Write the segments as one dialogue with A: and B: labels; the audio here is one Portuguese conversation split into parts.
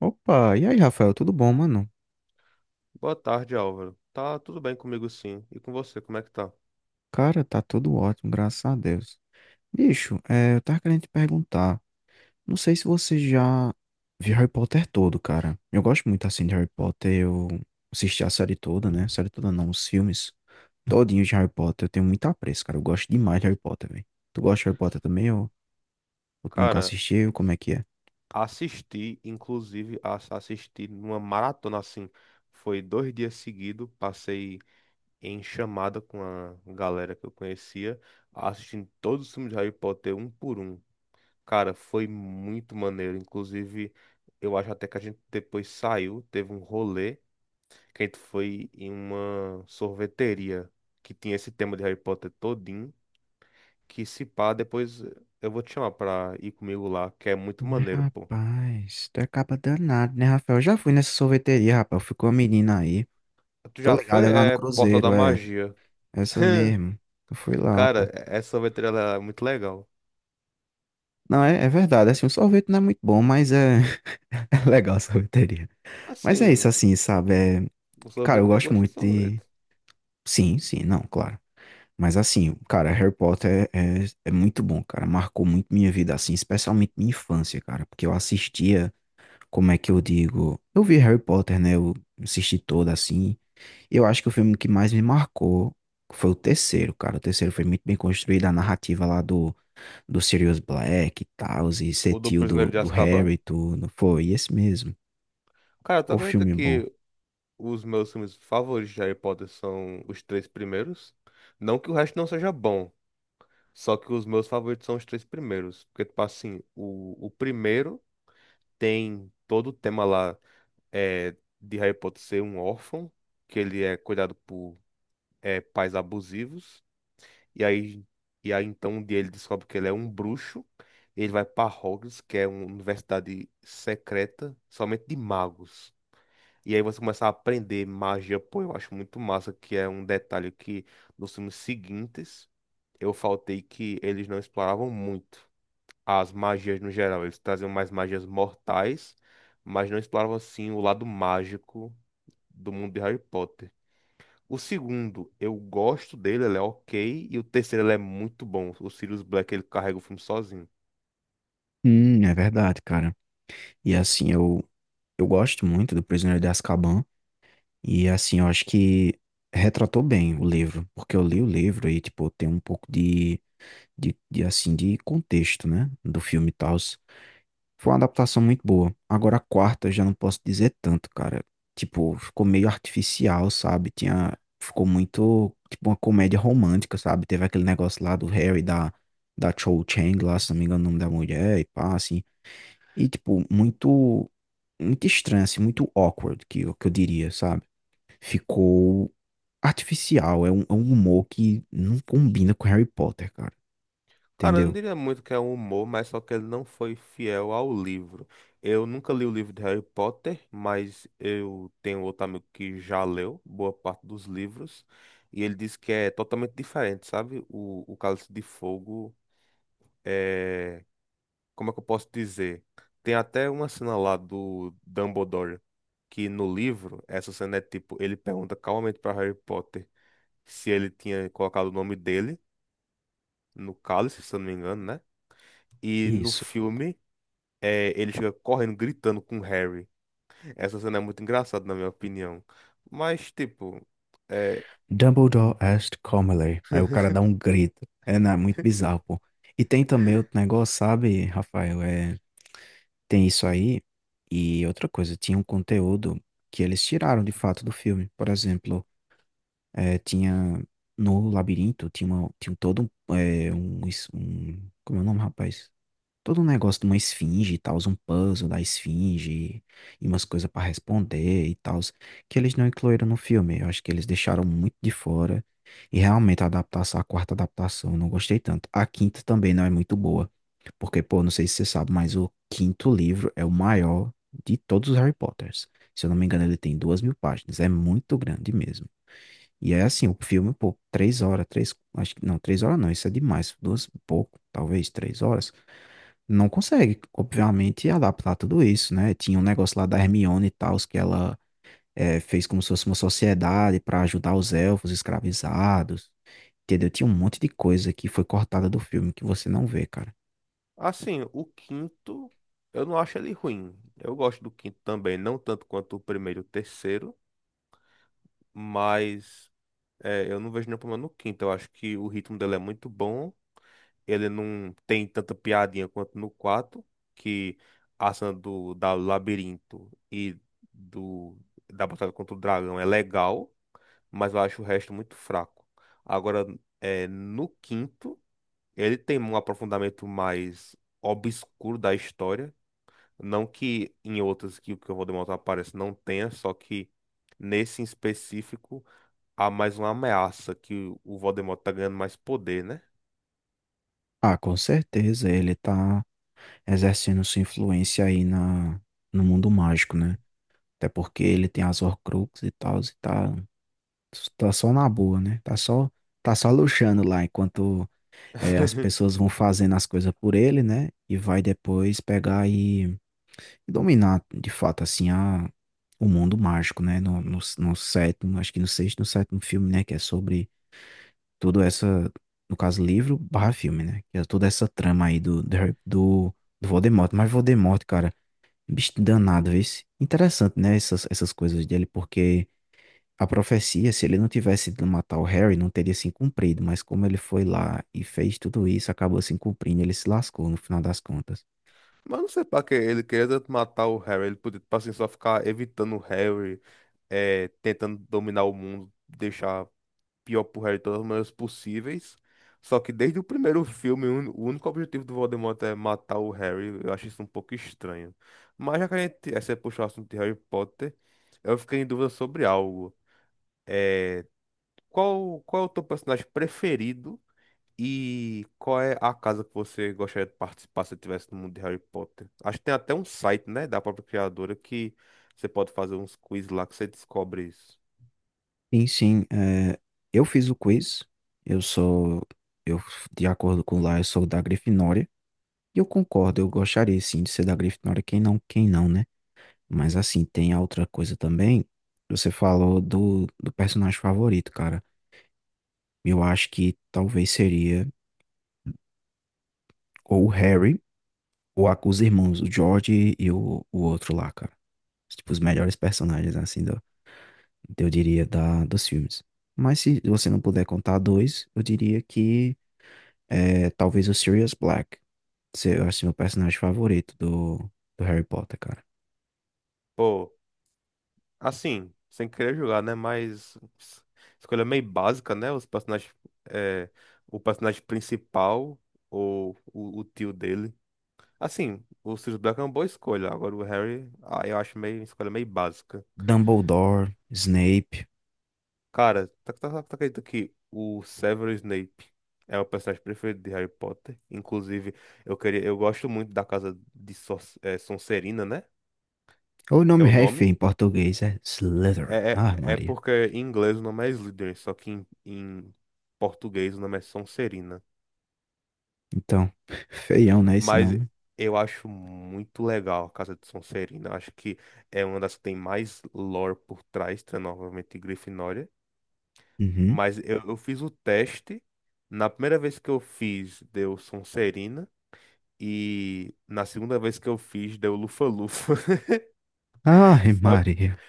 A: Opa, e aí, Rafael, tudo bom, mano?
B: Boa tarde, Álvaro. Tá tudo bem comigo sim. E com você, como é que tá?
A: Cara, tá tudo ótimo, graças a Deus. Bicho, eu tava querendo te perguntar. Não sei se você já viu Harry Potter todo, cara. Eu gosto muito assim de Harry Potter. Eu assisti a série toda, né? Série toda não, os filmes todinhos de Harry Potter. Eu tenho muito apreço, cara. Eu gosto demais de Harry Potter, velho. Tu gosta de Harry Potter também ou tu nunca
B: Cara,
A: assistiu? Como é que é?
B: assisti, inclusive, assisti numa maratona assim. Foi dois dias seguidos, passei em chamada com a galera que eu conhecia, assistindo todos os filmes de Harry Potter um por um. Cara, foi muito maneiro. Inclusive, eu acho até que a gente depois saiu, teve um rolê, que a gente foi em uma sorveteria que tinha esse tema de Harry Potter todinho. Que se pá, depois eu vou te chamar pra ir comigo lá, que é muito
A: Mas,
B: maneiro, pô.
A: rapaz, tu é caba danado, né, Rafael? Eu já fui nessa sorveteria, rapaz. Ficou a menina aí.
B: Tu
A: Tô
B: já
A: ligado, é
B: foi?
A: lá no
B: É Porta da
A: Cruzeiro, é.
B: Magia.
A: Essa mesmo. Eu fui lá,
B: Cara,
A: pô.
B: é, essa sorveteria ela é muito legal.
A: Não, é, é verdade. Assim, o sorvete não é muito bom, mas é, é legal a sorveteria. Mas é isso,
B: Assim,
A: assim, sabe?
B: o
A: Cara, eu
B: sorvete tem
A: gosto
B: gosto de
A: muito de.
B: sorvete.
A: Sim, sim, não, claro. Mas assim, cara, Harry Potter é muito bom, cara. Marcou muito minha vida, assim, especialmente minha infância, cara. Porque eu assistia, como é que eu digo? Eu vi Harry Potter, né? Eu assisti toda, assim. Eu acho que o filme que mais me marcou foi o terceiro, cara. O terceiro foi muito bem construído, a narrativa lá do Sirius Black e tal, e ser
B: O do
A: tio do,
B: Prisioneiro de
A: do
B: Azkaban?
A: Harry e tudo. Foi esse mesmo.
B: Cara, tu
A: O
B: acredita
A: filme bom.
B: que os meus filmes favoritos de Harry Potter são os três primeiros? Não que o resto não seja bom, só que os meus favoritos são os três primeiros. Porque, tipo assim, o primeiro tem todo o tema lá. De Harry Potter ser um órfão, que ele é cuidado por pais abusivos, e aí, e aí então um dia ele descobre que ele é um bruxo, ele vai para Hogwarts, que é uma universidade secreta, somente de magos. E aí você começa a aprender magia, pô, eu acho muito massa, que é um detalhe que nos filmes seguintes eu faltei que eles não exploravam muito as magias no geral, eles traziam mais magias mortais, mas não exploravam assim o lado mágico do mundo de Harry Potter. O segundo, eu gosto dele, ele é ok. E o terceiro, ele é muito bom. O Sirius Black, ele carrega o filme sozinho.
A: É verdade, cara. E assim, eu gosto muito do Prisioneiro de Azkaban. E assim, eu acho que retratou bem o livro. Porque eu li o livro e, tipo, tem um pouco de assim, de contexto, né? Do filme e tal. Foi uma adaptação muito boa. Agora a quarta eu já não posso dizer tanto, cara. Tipo, ficou meio artificial, sabe? Tinha, ficou muito, tipo, uma comédia romântica, sabe? Teve aquele negócio lá do Harry, da, da Cho Chang lá, se não me engano, o nome da mulher e pá, assim. E, tipo, muito estranho, assim, muito awkward, que eu diria, sabe? Ficou artificial, é um humor que não combina com Harry Potter, cara.
B: Cara, eu não
A: Entendeu?
B: diria muito que é um humor, mas só que ele não foi fiel ao livro. Eu nunca li o livro de Harry Potter, mas eu tenho outro amigo que já leu boa parte dos livros. E ele disse que é totalmente diferente, sabe? O Cálice de Fogo é, como é que eu posso dizer? Tem até uma cena lá do Dumbledore que no livro, essa cena é tipo, ele pergunta calmamente para Harry Potter se ele tinha colocado o nome dele no cálice, se eu não me engano, né? E no
A: Isso.
B: filme, ele chega correndo, gritando com Harry. Essa cena é muito engraçada, na minha opinião. Mas, tipo, é...
A: Dumbledore asked Comely. Aí o cara dá um grito. É, não, é muito bizarro, pô. E tem também outro negócio, sabe, Rafael? É, tem isso aí. E outra coisa, tinha um conteúdo que eles tiraram de fato do filme. Por exemplo, é, tinha no labirinto, tinha, uma, tinha todo um, é, um, es- um. Como é o nome, rapaz? Todo um negócio de uma esfinge e tal, um puzzle da esfinge e umas coisas pra responder e tal, que eles não incluíram no filme. Eu acho que eles deixaram muito de fora. E realmente a adaptação, a quarta adaptação, eu não gostei tanto. A quinta também não é muito boa. Porque, pô, não sei se você sabe, mas o quinto livro é o maior de todos os Harry Potters. Se eu não me engano, ele tem 2.000 páginas. É muito grande mesmo. E é assim, o filme, pô, três horas não, isso é demais. Duas, e pouco, talvez três horas não consegue, obviamente, adaptar tudo isso, né? Tinha um negócio lá da Hermione e tal, que ela fez como se fosse uma sociedade para ajudar os elfos escravizados, entendeu? Tinha um monte de coisa que foi cortada do filme que você não vê, cara.
B: assim, o quinto, eu não acho ele ruim. Eu gosto do quinto também, não tanto quanto o primeiro e o terceiro, mas. É, eu não vejo nenhum problema no quinto. Eu acho que o ritmo dele é muito bom. Ele não tem tanta piadinha quanto no 4, que a cena do, da labirinto e do, da batalha contra o dragão é legal, mas eu acho o resto muito fraco. Agora, no quinto, ele tem um aprofundamento mais obscuro da história. Não que em outras que o que eu vou demonstrar apareça não tenha, só que nesse em específico há mais uma ameaça que o Voldemort tá ganhando mais poder, né?
A: Ah, com certeza, ele tá exercendo sua influência aí na, no mundo mágico, né? Até porque ele tem as Horcruxes e tal, tá só na boa, né? Tá só luxando lá enquanto. É, as pessoas vão fazendo as coisas por ele, né? E vai depois pegar e dominar, de fato, assim, a, o mundo mágico, né? No sétimo, acho que no sexto, no sétimo filme, né? Que é sobre toda essa, no caso, livro barra filme, né? Que é toda essa trama aí do do Voldemort. Mas Voldemort, cara, um bicho danado, esse. Interessante, né? Essas coisas dele, porque a profecia, se ele não tivesse ido matar o Harry, não teria se cumprido, mas como ele foi lá e fez tudo isso, acabou se cumprindo, ele se lascou no final das contas.
B: Mas não sei pra que ele queria tanto matar o Harry. Ele podia, tipo assim, só ficar evitando o Harry, é, tentando dominar o mundo, deixar pior pro Harry de todas as maneiras possíveis. Só que desde o primeiro filme, o único objetivo do Voldemort é matar o Harry. Eu acho isso um pouco estranho. Mas já que a gente, essa é puxar o assunto de Harry Potter, eu fiquei em dúvida sobre algo. É, qual é o teu personagem preferido? E qual é a casa que você gostaria de participar se tivesse no mundo de Harry Potter? Acho que tem até um site, né, da própria criadora que você pode fazer uns quiz lá que você descobre isso.
A: Sim, sim, é, eu fiz o quiz, eu sou, eu, de acordo com lá, eu sou da Grifinória, e eu concordo, eu gostaria sim de ser da Grifinória, quem não, né? Mas assim, tem a outra coisa também, você falou do, do personagem favorito, cara, eu acho que talvez seria ou o Harry, o os irmãos, o George o outro lá, cara. Tipo, os melhores personagens, assim, do, eu diria, da, dos filmes. Mas se você não puder contar dois, eu diria que é, talvez o Sirius Black. Eu acho meu personagem favorito do, do Harry Potter, cara.
B: Pô, assim, sem querer jogar, né, mas escolha meio básica, né? Os personagens, é, o personagem principal ou o tio dele. Assim, o Sirius Black é uma boa escolha. Agora o Harry, ah, eu acho meio escolha meio básica.
A: Dumbledore, Snape.
B: Cara, tá acredita que o Severus Snape é o personagem preferido de Harry Potter? Inclusive, eu queria, eu gosto muito da casa de é, Sonserina, né?
A: Ou o
B: É
A: nome
B: o
A: é
B: nome.
A: feio em português, é Slytherin. Ah,
B: É
A: Maria.
B: porque em inglês o nome é Slytherin, só que em português o nome é Sonserina.
A: Então, feião, né, esse
B: Mas
A: nome?
B: eu acho muito legal a casa de Sonserina. Acho que é uma das que tem mais lore por trás, tá? Novamente Grifinória.
A: Uhum.
B: Mas eu fiz o teste. Na primeira vez que eu fiz, deu Sonserina. E na segunda vez que eu fiz, deu Lufa-Lufa.
A: Ai,
B: Só,
A: Maria.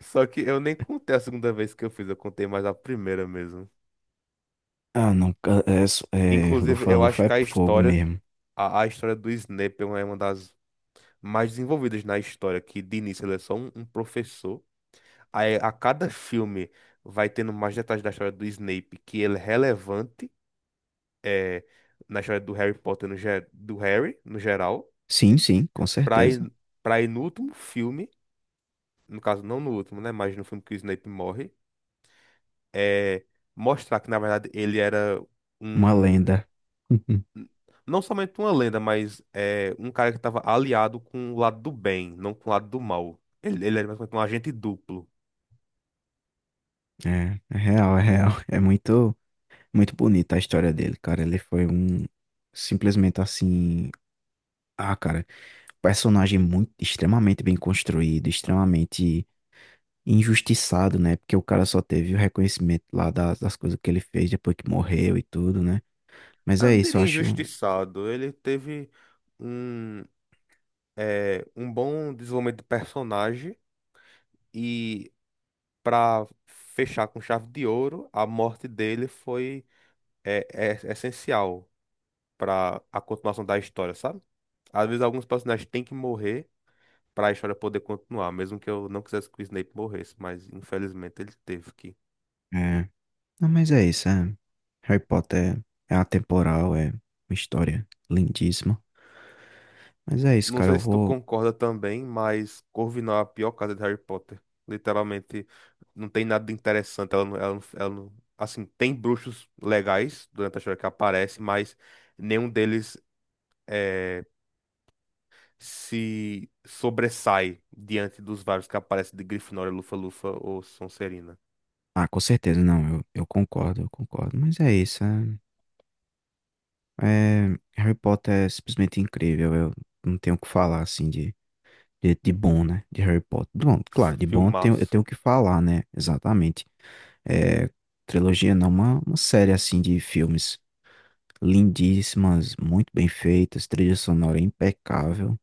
B: só que eu nem contei a segunda vez que eu fiz, eu contei mais a primeira mesmo.
A: Ah, não, ca- é, so- é,
B: Inclusive, eu acho
A: Lufa-Lufa
B: que
A: é
B: a
A: fogo
B: história,
A: mesmo.
B: a história do Snape é uma das mais desenvolvidas na história, que de início ele é só um, um professor. Aí a cada filme vai tendo mais detalhes da história do Snape, que ele é relevante. É, na história do Harry Potter, do Harry, no geral,
A: Sim, sim, com
B: pra
A: certeza.
B: ir, pra ir no último filme, no caso, não no último, né? Mas no filme que o Snape morre, é, mostrar que, na verdade, ele era
A: Uma
B: um.
A: lenda.
B: Não somente uma lenda, mas é, um cara que estava aliado com o lado do bem, não com o lado do mal. Ele era basicamente um agente duplo.
A: É, é real, é real. É muito, muito bonita a história dele, cara. Ele foi um simplesmente assim, ah, cara, personagem muito extremamente bem construído, extremamente injustiçado, né? Porque o cara só teve o reconhecimento lá das, das coisas que ele fez depois que morreu e tudo, né? Mas
B: Eu
A: é
B: não
A: isso, eu
B: diria
A: acho.
B: injustiçado. Ele teve um, é, um bom desenvolvimento de personagem. E para fechar com chave de ouro, a morte dele foi é, é essencial para a continuação da história, sabe? Às vezes alguns personagens têm que morrer para a história poder continuar, mesmo que eu não quisesse que o Snape morresse, mas infelizmente ele teve que.
A: É, não, mas é isso. É. Harry Potter é atemporal, é uma história lindíssima. Mas é isso,
B: Não
A: cara. Eu
B: sei se tu
A: vou.
B: concorda também, mas Corvinal é a pior casa de Harry Potter. Literalmente, não tem nada de interessante. Ela não- assim, tem bruxos legais durante a história que aparece, mas nenhum deles é, se sobressai diante dos vários que aparecem de Grifinória, Lufa-Lufa ou Sonserina.
A: Ah, com certeza, não, eu concordo, eu concordo. Mas é isso, é- Harry Potter é simplesmente incrível, eu não tenho o que falar, assim, de bom, né, de Harry Potter. Bom, claro, de bom eu
B: Filmaço.
A: tenho o que falar, né, exatamente. É, trilogia não, uma série, assim, de filmes lindíssimas, muito bem feitas, trilha sonora impecável.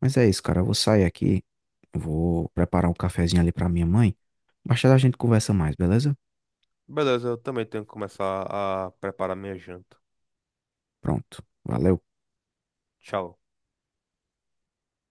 A: Mas é isso, cara, eu vou sair aqui, eu vou preparar um cafezinho ali pra minha mãe. Mais tarde a gente conversa mais, beleza?
B: Beleza, eu também tenho que começar a preparar minha janta.
A: Pronto, valeu.
B: Tchau.